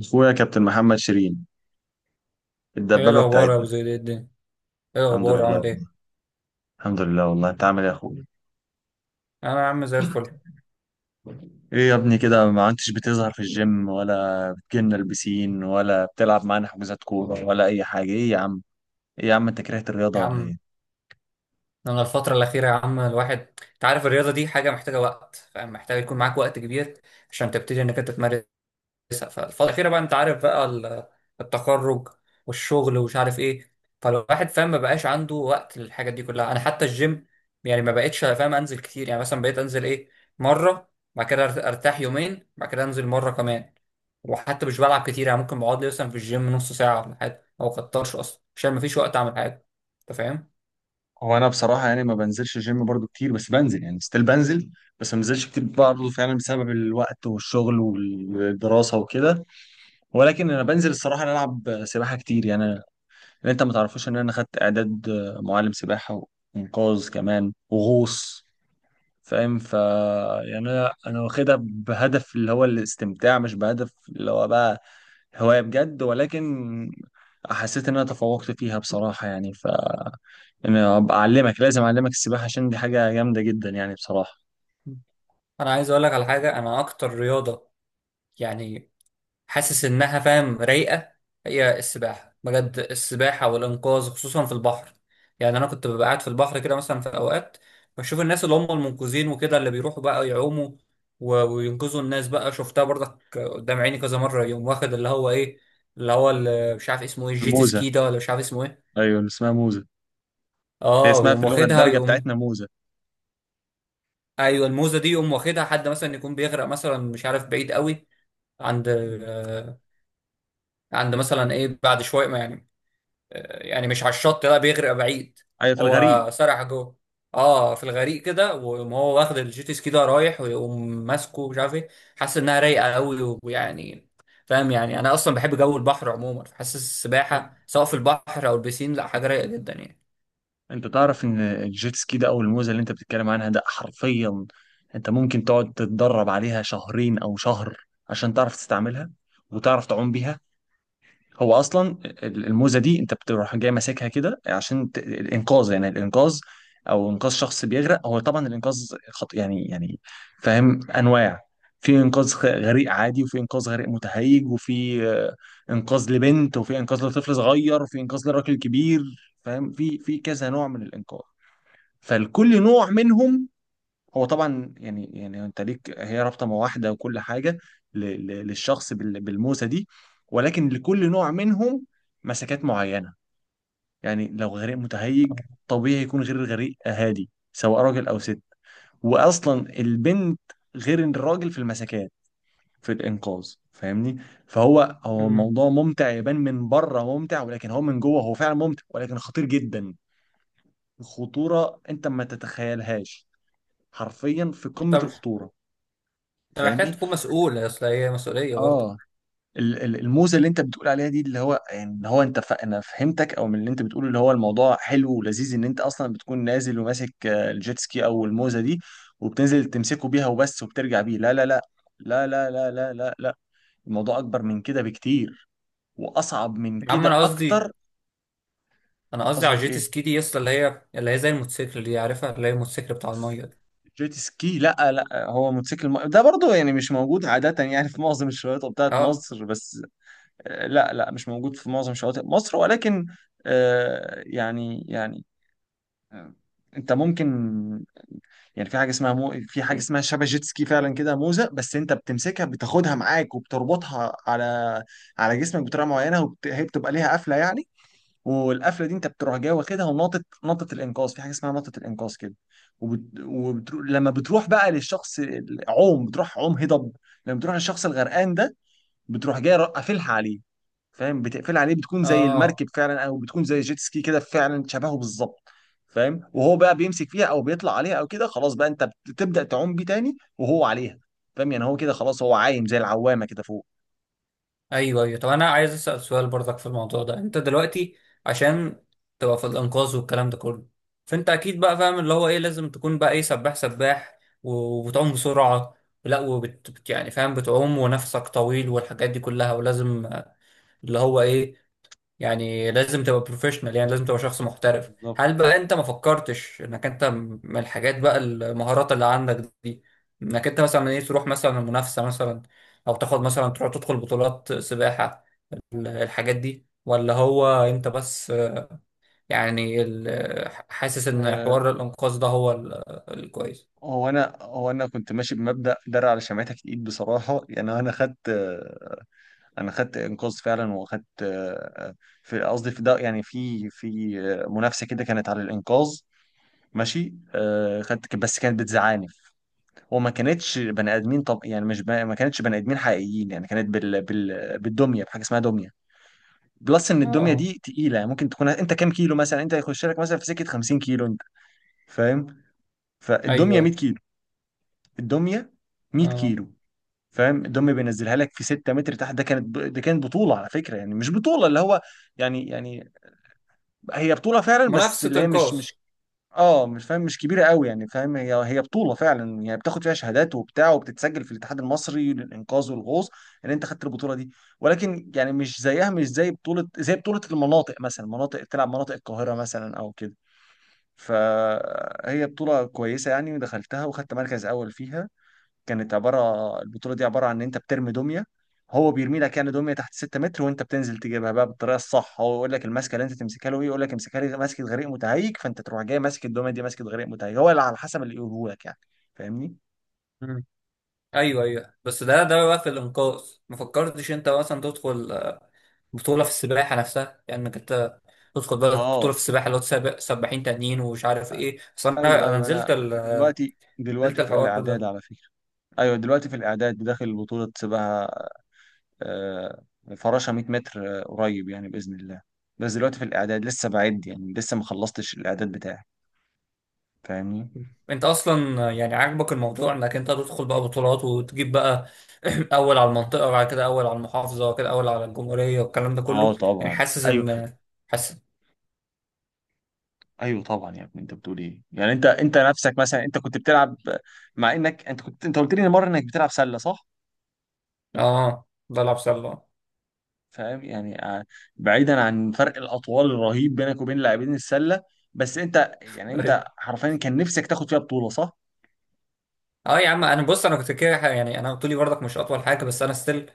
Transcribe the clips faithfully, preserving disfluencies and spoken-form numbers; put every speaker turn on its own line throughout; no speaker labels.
اخويا كابتن محمد شيرين.
ايه
الدبابه
الاخبار يا ابو
بتاعتنا.
زيد؟ ايه الدنيا، ايه
الحمد
الاخبار،
لله
عامل ايه؟
والله. الحمد لله والله انت عامل ايه يا اخويا؟
انا يا عم زي الفل.
ايه يا ابني كده ما عدتش بتظهر في الجيم، ولا بتجيلنا البسين، ولا بتلعب معانا حجوزات كوره ولا اي حاجه؟ ايه يا عم؟ ايه يا عم انت كرهت
يا
الرياضه ولا
عم،
ايه؟
انا الفتره الاخيره يا عم الواحد، انت عارف الرياضه دي حاجه محتاجه وقت، فاهم؟ محتاج يكون معاك وقت كبير عشان تبتدي انك انت تمارس كويسه. فالفتره الاخيره بقى انت عارف بقى ال- التخرج والشغل ومش عارف ايه، فالواحد فاهم ما بقاش عنده وقت للحاجات دي كلها. انا حتى الجيم يعني ما بقتش فاهم انزل كتير، يعني مثلا بقيت انزل ايه، مره، بعد كده أرت- ارتاح يومين بعد كده انزل مره كمان. وحتى مش بلعب كتير، يعني ممكن بقعد لي مثلا في الجيم نص ساعه ولا حاجه او كترش اصلا عشان ما فيش وقت اعمل حاجه. انت فاهم؟
هو انا بصراحه يعني ما بنزلش الجيم برضو كتير، بس بنزل يعني ستيل بنزل. بس ما بنزلش كتير برضو فعلا بسبب الوقت والشغل والدراسه وكده. ولكن انا بنزل الصراحه نلعب سباحه كتير يعني. اللي انت ما تعرفوش ان انا خدت اعداد معلم سباحه وانقاذ كمان وغوص. فاهم ف يعني انا انا واخدها بهدف اللي هو الاستمتاع، مش بهدف اللي هو بقى هوايه بجد. ولكن حسيت ان انا تفوقت فيها بصراحه يعني. ف انا ابقى اعلمك، لازم اعلمك السباحه، عشان دي حاجه جامده جدا يعني بصراحه.
انا عايز اقول لك على حاجه، انا اكتر رياضه يعني حاسس انها فاهم رايقه هي السباحه، بجد السباحه والانقاذ خصوصا في البحر. يعني انا كنت ببقى قاعد في البحر كده مثلا في اوقات بشوف الناس اللي هم المنقذين وكده اللي بيروحوا بقى يعوموا و- وينقذوا الناس، بقى شفتها برضك قدام عيني كذا مره، يقوم واخد اللي هو ايه، اللي هو اللي مش عارف اسمه ايه، الجيت
موزه.
سكي ده، ولا مش عارف اسمه ايه.
ايوه اسمها موزه. هي
اه
اسمها في
يقوم
اللغه
واخدها
الدارجه
يقوم.
بتاعتنا موزه.
ايوه الموزه دي يقوم واخدها، حد مثلا يكون بيغرق مثلا مش عارف بعيد قوي، عند، آه، عند مثلا ايه بعد شويه يعني، يعني مش على الشط، لا، بيغرق بعيد.
ايوه في
هو
الغريب.
سرح جوه. اه في الغريق كده، ويقوم هو واخد الجيت سكي ده رايح ويقوم ماسكه مش عارف ايه. حاسس انها رايقه قوي ويعني فاهم. يعني انا اصلا بحب جو البحر عموما، فحاسس السباحه سواء في البحر او البسين لا حاجه رايقه جدا يعني.
انت تعرف ان الجيت سكي ده او الموزه اللي انت بتتكلم عنها ده حرفيا انت ممكن تقعد تتدرب عليها شهرين او شهر عشان تعرف تستعملها وتعرف تعوم بيها. هو اصلا ال- الموزه دي انت بتروح جاي ماسكها كده عشان ت... الانقاذ، يعني الانقاذ او انقاذ شخص بيغرق. هو طبعا الانقاذ خط... يعني يعني فاهم انواع. في انقاذ خ- غريق عادي، وفي انقاذ غريق متهيج، وفي آه، انقاذ لبنت، وفي انقاذ لطفل صغير، وفي انقاذ لراجل كبير. فاهم في في كذا نوع من الانقاذ. فالكل نوع منهم هو طبعا يعني يعني انت ليك هي رابطه مواحده وكل حاجه ل- ل- للشخص بال- بالموسى دي. ولكن لكل نوع منهم مسكات معينه. يعني لو غريق متهيج طبيعي يكون غير الغريق هادي، سواء راجل او ست. واصلا البنت غير الراجل في المسكات في الانقاذ، فاهمني؟ فهو هو
امم
الموضوع ممتع، يبان من بره ممتع، ولكن هو من جوه هو فعلا ممتع ولكن خطير جدا. خطوره انت ما تتخيلهاش. حرفيا في قمة
طب
الخطورة،
انت محتاج
فاهمني؟
تكون مسؤول، اصل هي مسؤوليه برضه.
اه. ال- ال- الموزة اللي انت بتقول عليها دي، اللي هو يعني اللي هو انت ف... انا فهمتك او من اللي انت بتقوله، اللي هو الموضوع حلو ولذيذ ان انت اصلا بتكون نازل وماسك آه، الجيت سكي او الموزة دي، وبتنزل تمسكه بيها وبس وبترجع بيه. لا لا لا، لا لا لا لا لا لا. الموضوع اكبر من كده بكتير واصعب من
يا عم
كده
انا قصدي،
اكتر.
انا قصدي على
قصدك
الجيت
ايه؟
سكي دي اصلا اللي هي اللي هي زي الموتوسيكل دي، عارفها؟ اللي هي الموتوسيكل بتاع الميه ده.
جيت سكي، لا لا، هو موتوسيكل الم... ده برضه يعني مش موجود عادة يعني في معظم الشواطئ بتاعت
اه.
مصر بس. آه، لا لا مش موجود في معظم شواطئ مصر، ولكن آه، يعني يعني آه، انت ممكن يعني في حاجه اسمها مو في حاجه اسمها شبه جيت سكي فعلا كده موزه، بس انت بتمسكها بتاخدها معاك وبتربطها على على جسمك بطريقه معينه، وبت... هي بتبقى ليها قفله يعني. والقفله دي انت بتروح جاي واخدها، ونطت نطت الانقاذ، في حاجه اسمها نطت الانقاذ كده، وبت... وبترو... لما بتروح بقى للشخص العوم بتروح عوم هضب، لما بتروح للشخص الغرقان ده بتروح جاي قافلها عليه. فاهم؟ بتقفل عليه، بتكون زي
اه.
المركب فعلا او بتكون زي جيت سكي كده فعلا شبهه بالظبط. فاهم؟ وهو بقى بيمسك فيها او بيطلع عليها او كده، خلاص بقى انت بتبدأ تعوم بيه تاني وهو عليها. فاهم؟ يعني هو كده خلاص هو عايم زي العوامة كده فوق.
ايوه ايوه. طب انا عايز اسال سؤال برضك في الموضوع ده. انت دلوقتي عشان تبقى في الانقاذ والكلام ده كله، فانت اكيد بقى فاهم اللي هو ايه، لازم تكون بقى ايه، سباح، سباح وبتعوم بسرعه، لا وبت بت- يعني فاهم بتعوم ونفسك طويل والحاجات دي كلها، ولازم آه، اللي هو ايه، يعني لازم تبقى بروفيشنال، يعني لازم تبقى شخص محترف.
بالظبط.
هل بقى انت ما فكرتش انك انت م- من الحاجات بقى، المهارات اللي عندك دي، انك انت مثلا ايه تروح مثلا المنافسه مثلا، او تاخد مثلا تروح تدخل بطولات سباحه، الحاجات دي؟ ولا هو انت بس يعني ال- حاسس ان
آه،
حوار الانقاذ ده هو ال- الكويس.
هو انا هو انا كنت ماشي بمبدأ درع على شمعتك الايد بصراحة. يعني انا خدت آه، انا خدت انقاذ فعلا، واخدت آه، في قصدي في ده يعني في في آه، منافسة كده كانت على الانقاذ. ماشي، آه، خدت، بس كانت بتزعلني وما كانتش بني ادمين. طب يعني مش ب... ما كانتش بني ادمين حقيقيين يعني، كانت بال... بال... بالدميه، بحاجه اسمها دميه. بلس ان
اه.
الدميه
آه.
دي تقيله، يعني ممكن تكون انت كام كيلو، مثلا انت هيخش لك مثلا في سكه خمسين كيلو انت. فاهم؟
ايوه.
فالدميه ميه
أيوة.
كيلو. الدميه ميه
اه.
كيلو. فاهم؟ الدميه بينزلها لك في ستة متر تحت. ده كانت ب... ده كانت بطوله على فكره، يعني مش بطوله اللي هو يعني يعني هي بطوله فعلا بس
منافسة
اللي هي مش
انقاذ.
مش اه مش فاهم، مش كبيره قوي يعني. فاهم؟ هي هي بطوله فعلا يعني، بتاخد فيها شهادات وبتاع، وبتتسجل في الاتحاد المصري للانقاذ والغوص ان انت خدت البطوله دي. ولكن يعني مش زيها، مش زي بطوله، زي بطوله المناطق مثلا، مناطق تلعب مناطق القاهره مثلا او كده. فهي بطوله كويسه يعني، ودخلتها وخدت مركز اول فيها. كانت عباره، البطوله دي عباره عن ان انت بترمي دميه. هو بيرمي لك يعني دميه تحت ستة متر، وانت بتنزل تجيبها بقى بالطريقه الصح. هو يقول لك المسكه اللي انت تمسكها له ايه، يقول لك امسكها لي ماسكه غريق متهيج، فانت تروح جاي ماسك الدميه دي ماسكه غريق متهيج، هو اللي على حسب اللي يقوله لك يعني. فاهمني؟
مم. ايوه ايوه، بس ده ده بقى في الانقاذ. ما فكرتش انت مثلا تدخل بطولة في السباحة نفسها، يعني انك انت تدخل بقى بطولة
اه،
في السباحة، اللي هو تسابق سباحين تانيين ومش عارف ايه، اصل انا
ايوه
انا
ايوه،
نزلت
انا
ال...
دلوقتي
نزلت
دلوقتي في
الحوار
الاعداد
ده.
على فكره. ايوه دلوقتي في الاعداد، داخل بطوله سباحه، آه، فراشه مائة متر، آه، قريب يعني باذن الله. بس دلوقتي في الاعداد لسه، بعد يعني لسه ما خلصتش الاعداد بتاعي. فاهمني؟
انت اصلا يعني عاجبك الموضوع انك انت تدخل بقى بطولات وتجيب بقى اول على المنطقه، وبعد كده اول على المحافظه، وبعد كده اول على الجمهوريه والكلام ده
اه
كله، يعني
طبعا.
حاسس
ايوه
ان، حاسس.
ايوه طبعا يا ابني، انت بتقول ايه يعني؟ انت انت نفسك مثلا، انت كنت بتلعب، مع انك انت كنت، انت قلت لي مره انك بتلعب سله، صح؟
اه بلعب سله.
فاهم يعني آه، بعيدا عن فرق الاطوال الرهيب بينك وبين لاعبين السله، بس انت يعني انت
ايوه.
حرفيا كان نفسك تاخد فيها بطوله، صح؟
اه يا عم انا بص، انا كنت كده يعني، انا طولي برضك مش اطول حاجه بس انا ستيل،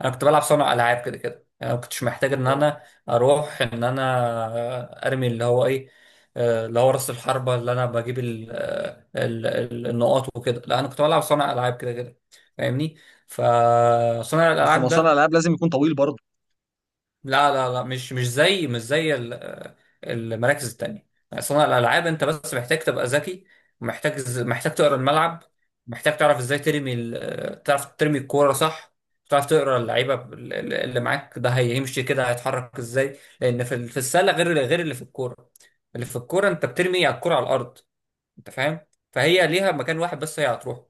انا كنت بلعب صانع العاب كده كده، يعني ما كنتش محتاج ان
آه.
انا اروح ان انا ارمي اللي هو ايه، آه، اللي هو راس الحربه اللي انا بجيب ال آه، ال ال النقاط وكده، لا انا كنت بلعب صانع العاب كده كده، فاهمني؟ فصانع
بس ما
الالعاب
هو صانع
ده،
العاب لازم يكون طويل برضه.
لا لا لا مش مش زي مش زي ال- المراكز التانية. صناعة الألعاب أنت بس محتاج تبقى ذكي، محتاج محتاج تقرا الملعب، محتاج تعرف إزاي ترمي ال- تعرف ترمي الكورة صح، تعرف تقرا اللعيبة اللي معاك ده هيمشي كده، هيتحرك إزاي، لأن في ال- في السلة غير، غير اللي في الكورة اللي في الكورة أنت بترمي على الكورة على الأرض، أنت فاهم؟ فهي ليها مكان واحد بس هي هتروح،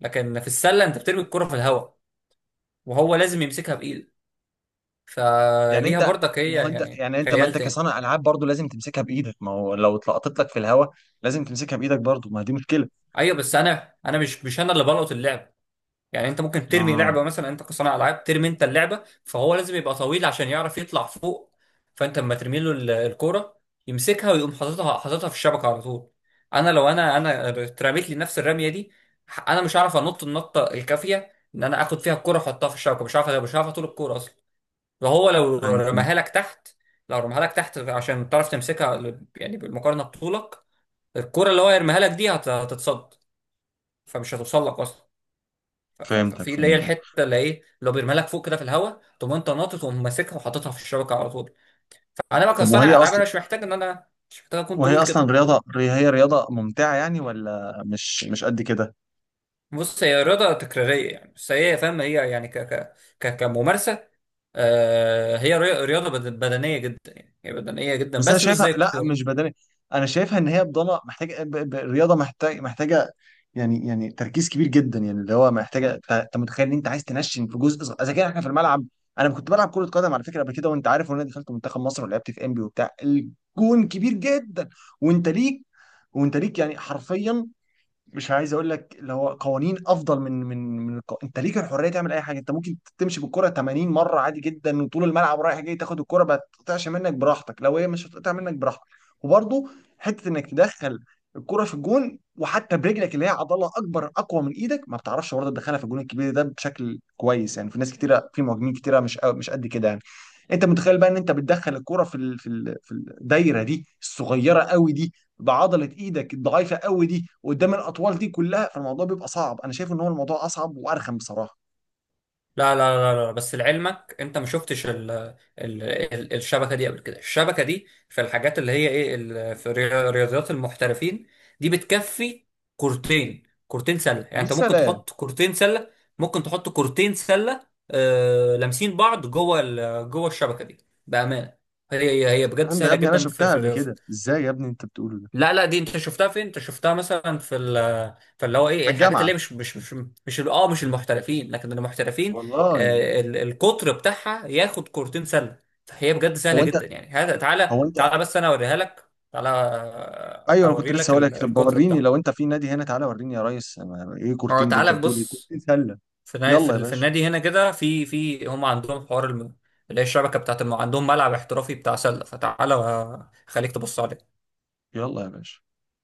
لكن في السلة أنت بترمي الكورة في الهواء وهو لازم يمسكها،
يعني
فليها
انت،
برضك هي
ما هو انت
يعني
يعني، انت ما
خيال
انت
تاني.
كصانع العاب برضه لازم تمسكها بايدك، ما هو لو اتلقطت لك في الهواء لازم تمسكها بايدك برضه، ما دي مشكله.
ايوه بس انا انا مش مش انا اللي بلقط اللعب، يعني انت ممكن ترمي
اه
لعبه مثلا، انت كصانع العاب ترمي انت اللعبه فهو لازم يبقى طويل عشان يعرف يطلع فوق، فانت اما ترمي له ال- الكوره يمسكها ويقوم حاططها، حاططها في الشبكه على طول. انا لو انا انا اترميت لي نفس الرميه دي، ح- انا مش عارف انط النطه الكافيه ان انا اخد فيها الكوره واحطها في الشبكه، مش عارف، مش عارف طول الكوره اصلا. وهو لو
ايوه فهمت.
رماها لك تحت، لو رماها لك تحت عشان تعرف تمسكها يعني بالمقارنه بطولك، الكرة اللي هو يرميها لك دي هت- هتتصد فمش هتوصل لك اصلا، ف- ف-
فهمتك
ففي اللي هي
فهمتك.
الحته اللي ايه اللي هو بيرميها لك فوق كده في الهواء تقوم انت ناطط وماسكها وحاططها في الشبكه على طول. فانا بقى
طب وهي
كصانع العاب انا
اصلا،
مش محتاج ان انا مش محتاج اكون
وهي
طويل
اصلا
كده.
رياضه، هي رياضه ممتعه يعني ولا مش مش قد كده؟
بص هي رياضه تكراريه يعني، بس هي فاهم هي يعني ك ك ك كممارسه آه هي ري- رياضه بد- بدنيه جدا، يعني هي بدنيه جدا
بس انا
بس مش
شايفها
زي
لا
الكوره.
مش بدني، انا شايفها ان هي بضلة محتاجه ب- ب- الرياضه محتاج محتاجه يعني يعني تركيز كبير جدا يعني، اللي هو محتاجه. انت أنت متخيل ان انت عايز تنشن في جزء صغير، اذا كان احنا في الملعب. انا كنت بلعب كره قدم على فكره قبل كده وانت عارف، وانا دخلت منتخب مصر ولعبت في انبي وبتاع، الجون كبير جدا وانت ليك، وانت ليك يعني حرفيا، مش عايز اقول لك اللي هو قوانين افضل من من من الق... انت ليك الحريه تعمل اي حاجه. انت ممكن تمشي بالكره تمانين مره عادي جدا وطول الملعب رايح جاي، تاخد الكره ما تقطعش منك براحتك لو هي مش هتقطع منك براحتك. وبرضه حته انك تدخل الكره في الجون وحتى برجلك اللي هي عضله اكبر اقوى من ايدك ما بتعرفش برضه تدخلها في الجون الكبير ده بشكل كويس يعني. في ناس كتيره، في مهاجمين كتيره مش مش قد كده يعني. انت متخيل بقى ان انت بتدخل الكرة في ال... في ال... في الدايره دي الصغيره قوي دي بعضله ايدك الضعيفه قوي دي قدام الاطوال دي كلها؟ فالموضوع بيبقى صعب. انا شايف ان هو الموضوع اصعب وارخم بصراحه.
لا لا لا لا لا، بس لعلمك انت ما شفتش ال ال ال الشبكه دي قبل كده، الشبكه دي في الحاجات اللي هي ايه ال- في الريا- رياضيات المحترفين دي بتكفي كورتين، كورتين سله، يعني
يا
انت ممكن
سلام.
تحط كورتين سله، ممكن تحط كورتين سله آه لامسين بعض جوه ال- جوه الشبكه دي، بامانه. هي هي هي بجد
الكلام ده يا
سهله
ابني انا
جدا في.
شفتها قبل كده، ازاي يا ابني انت بتقوله ده؟
لا لا، دي انت شفتها فين؟ انت شفتها مثلا في ال، في اللي هو
في
ايه، الحاجات
الجامعه.
اللي هي مش مش مش مش ال- اه مش المحترفين، لكن المحترفين
والله.
آه ال- القطر بتاعها ياخد كورتين سله، فهي بجد سهله
هو انت
جدا يعني هذا. تعالى
هو انت
تعالى بس انا اوريها لك، تعالى آه،
ايوه انا كنت
اوري
لسه
لك
هقول لك،
ال-
طب
القطر
وريني لو
بتاعه.
انت في نادي هنا. تعالى وريني يا ريس، أنا- ايه
اه
كورتين ده، انت
تعالى
بتقول ايه
بص،
كورتين سله؟
في نا- في
يلا يا
ال- في
باشا.
النادي هنا كده في في هم عندهم حوار الم- اللي هي الشبكه بتاعت الم... عندهم ملعب احترافي بتاع سله، فتعالى آه، خليك تبص عليه.
يلا يا باشا.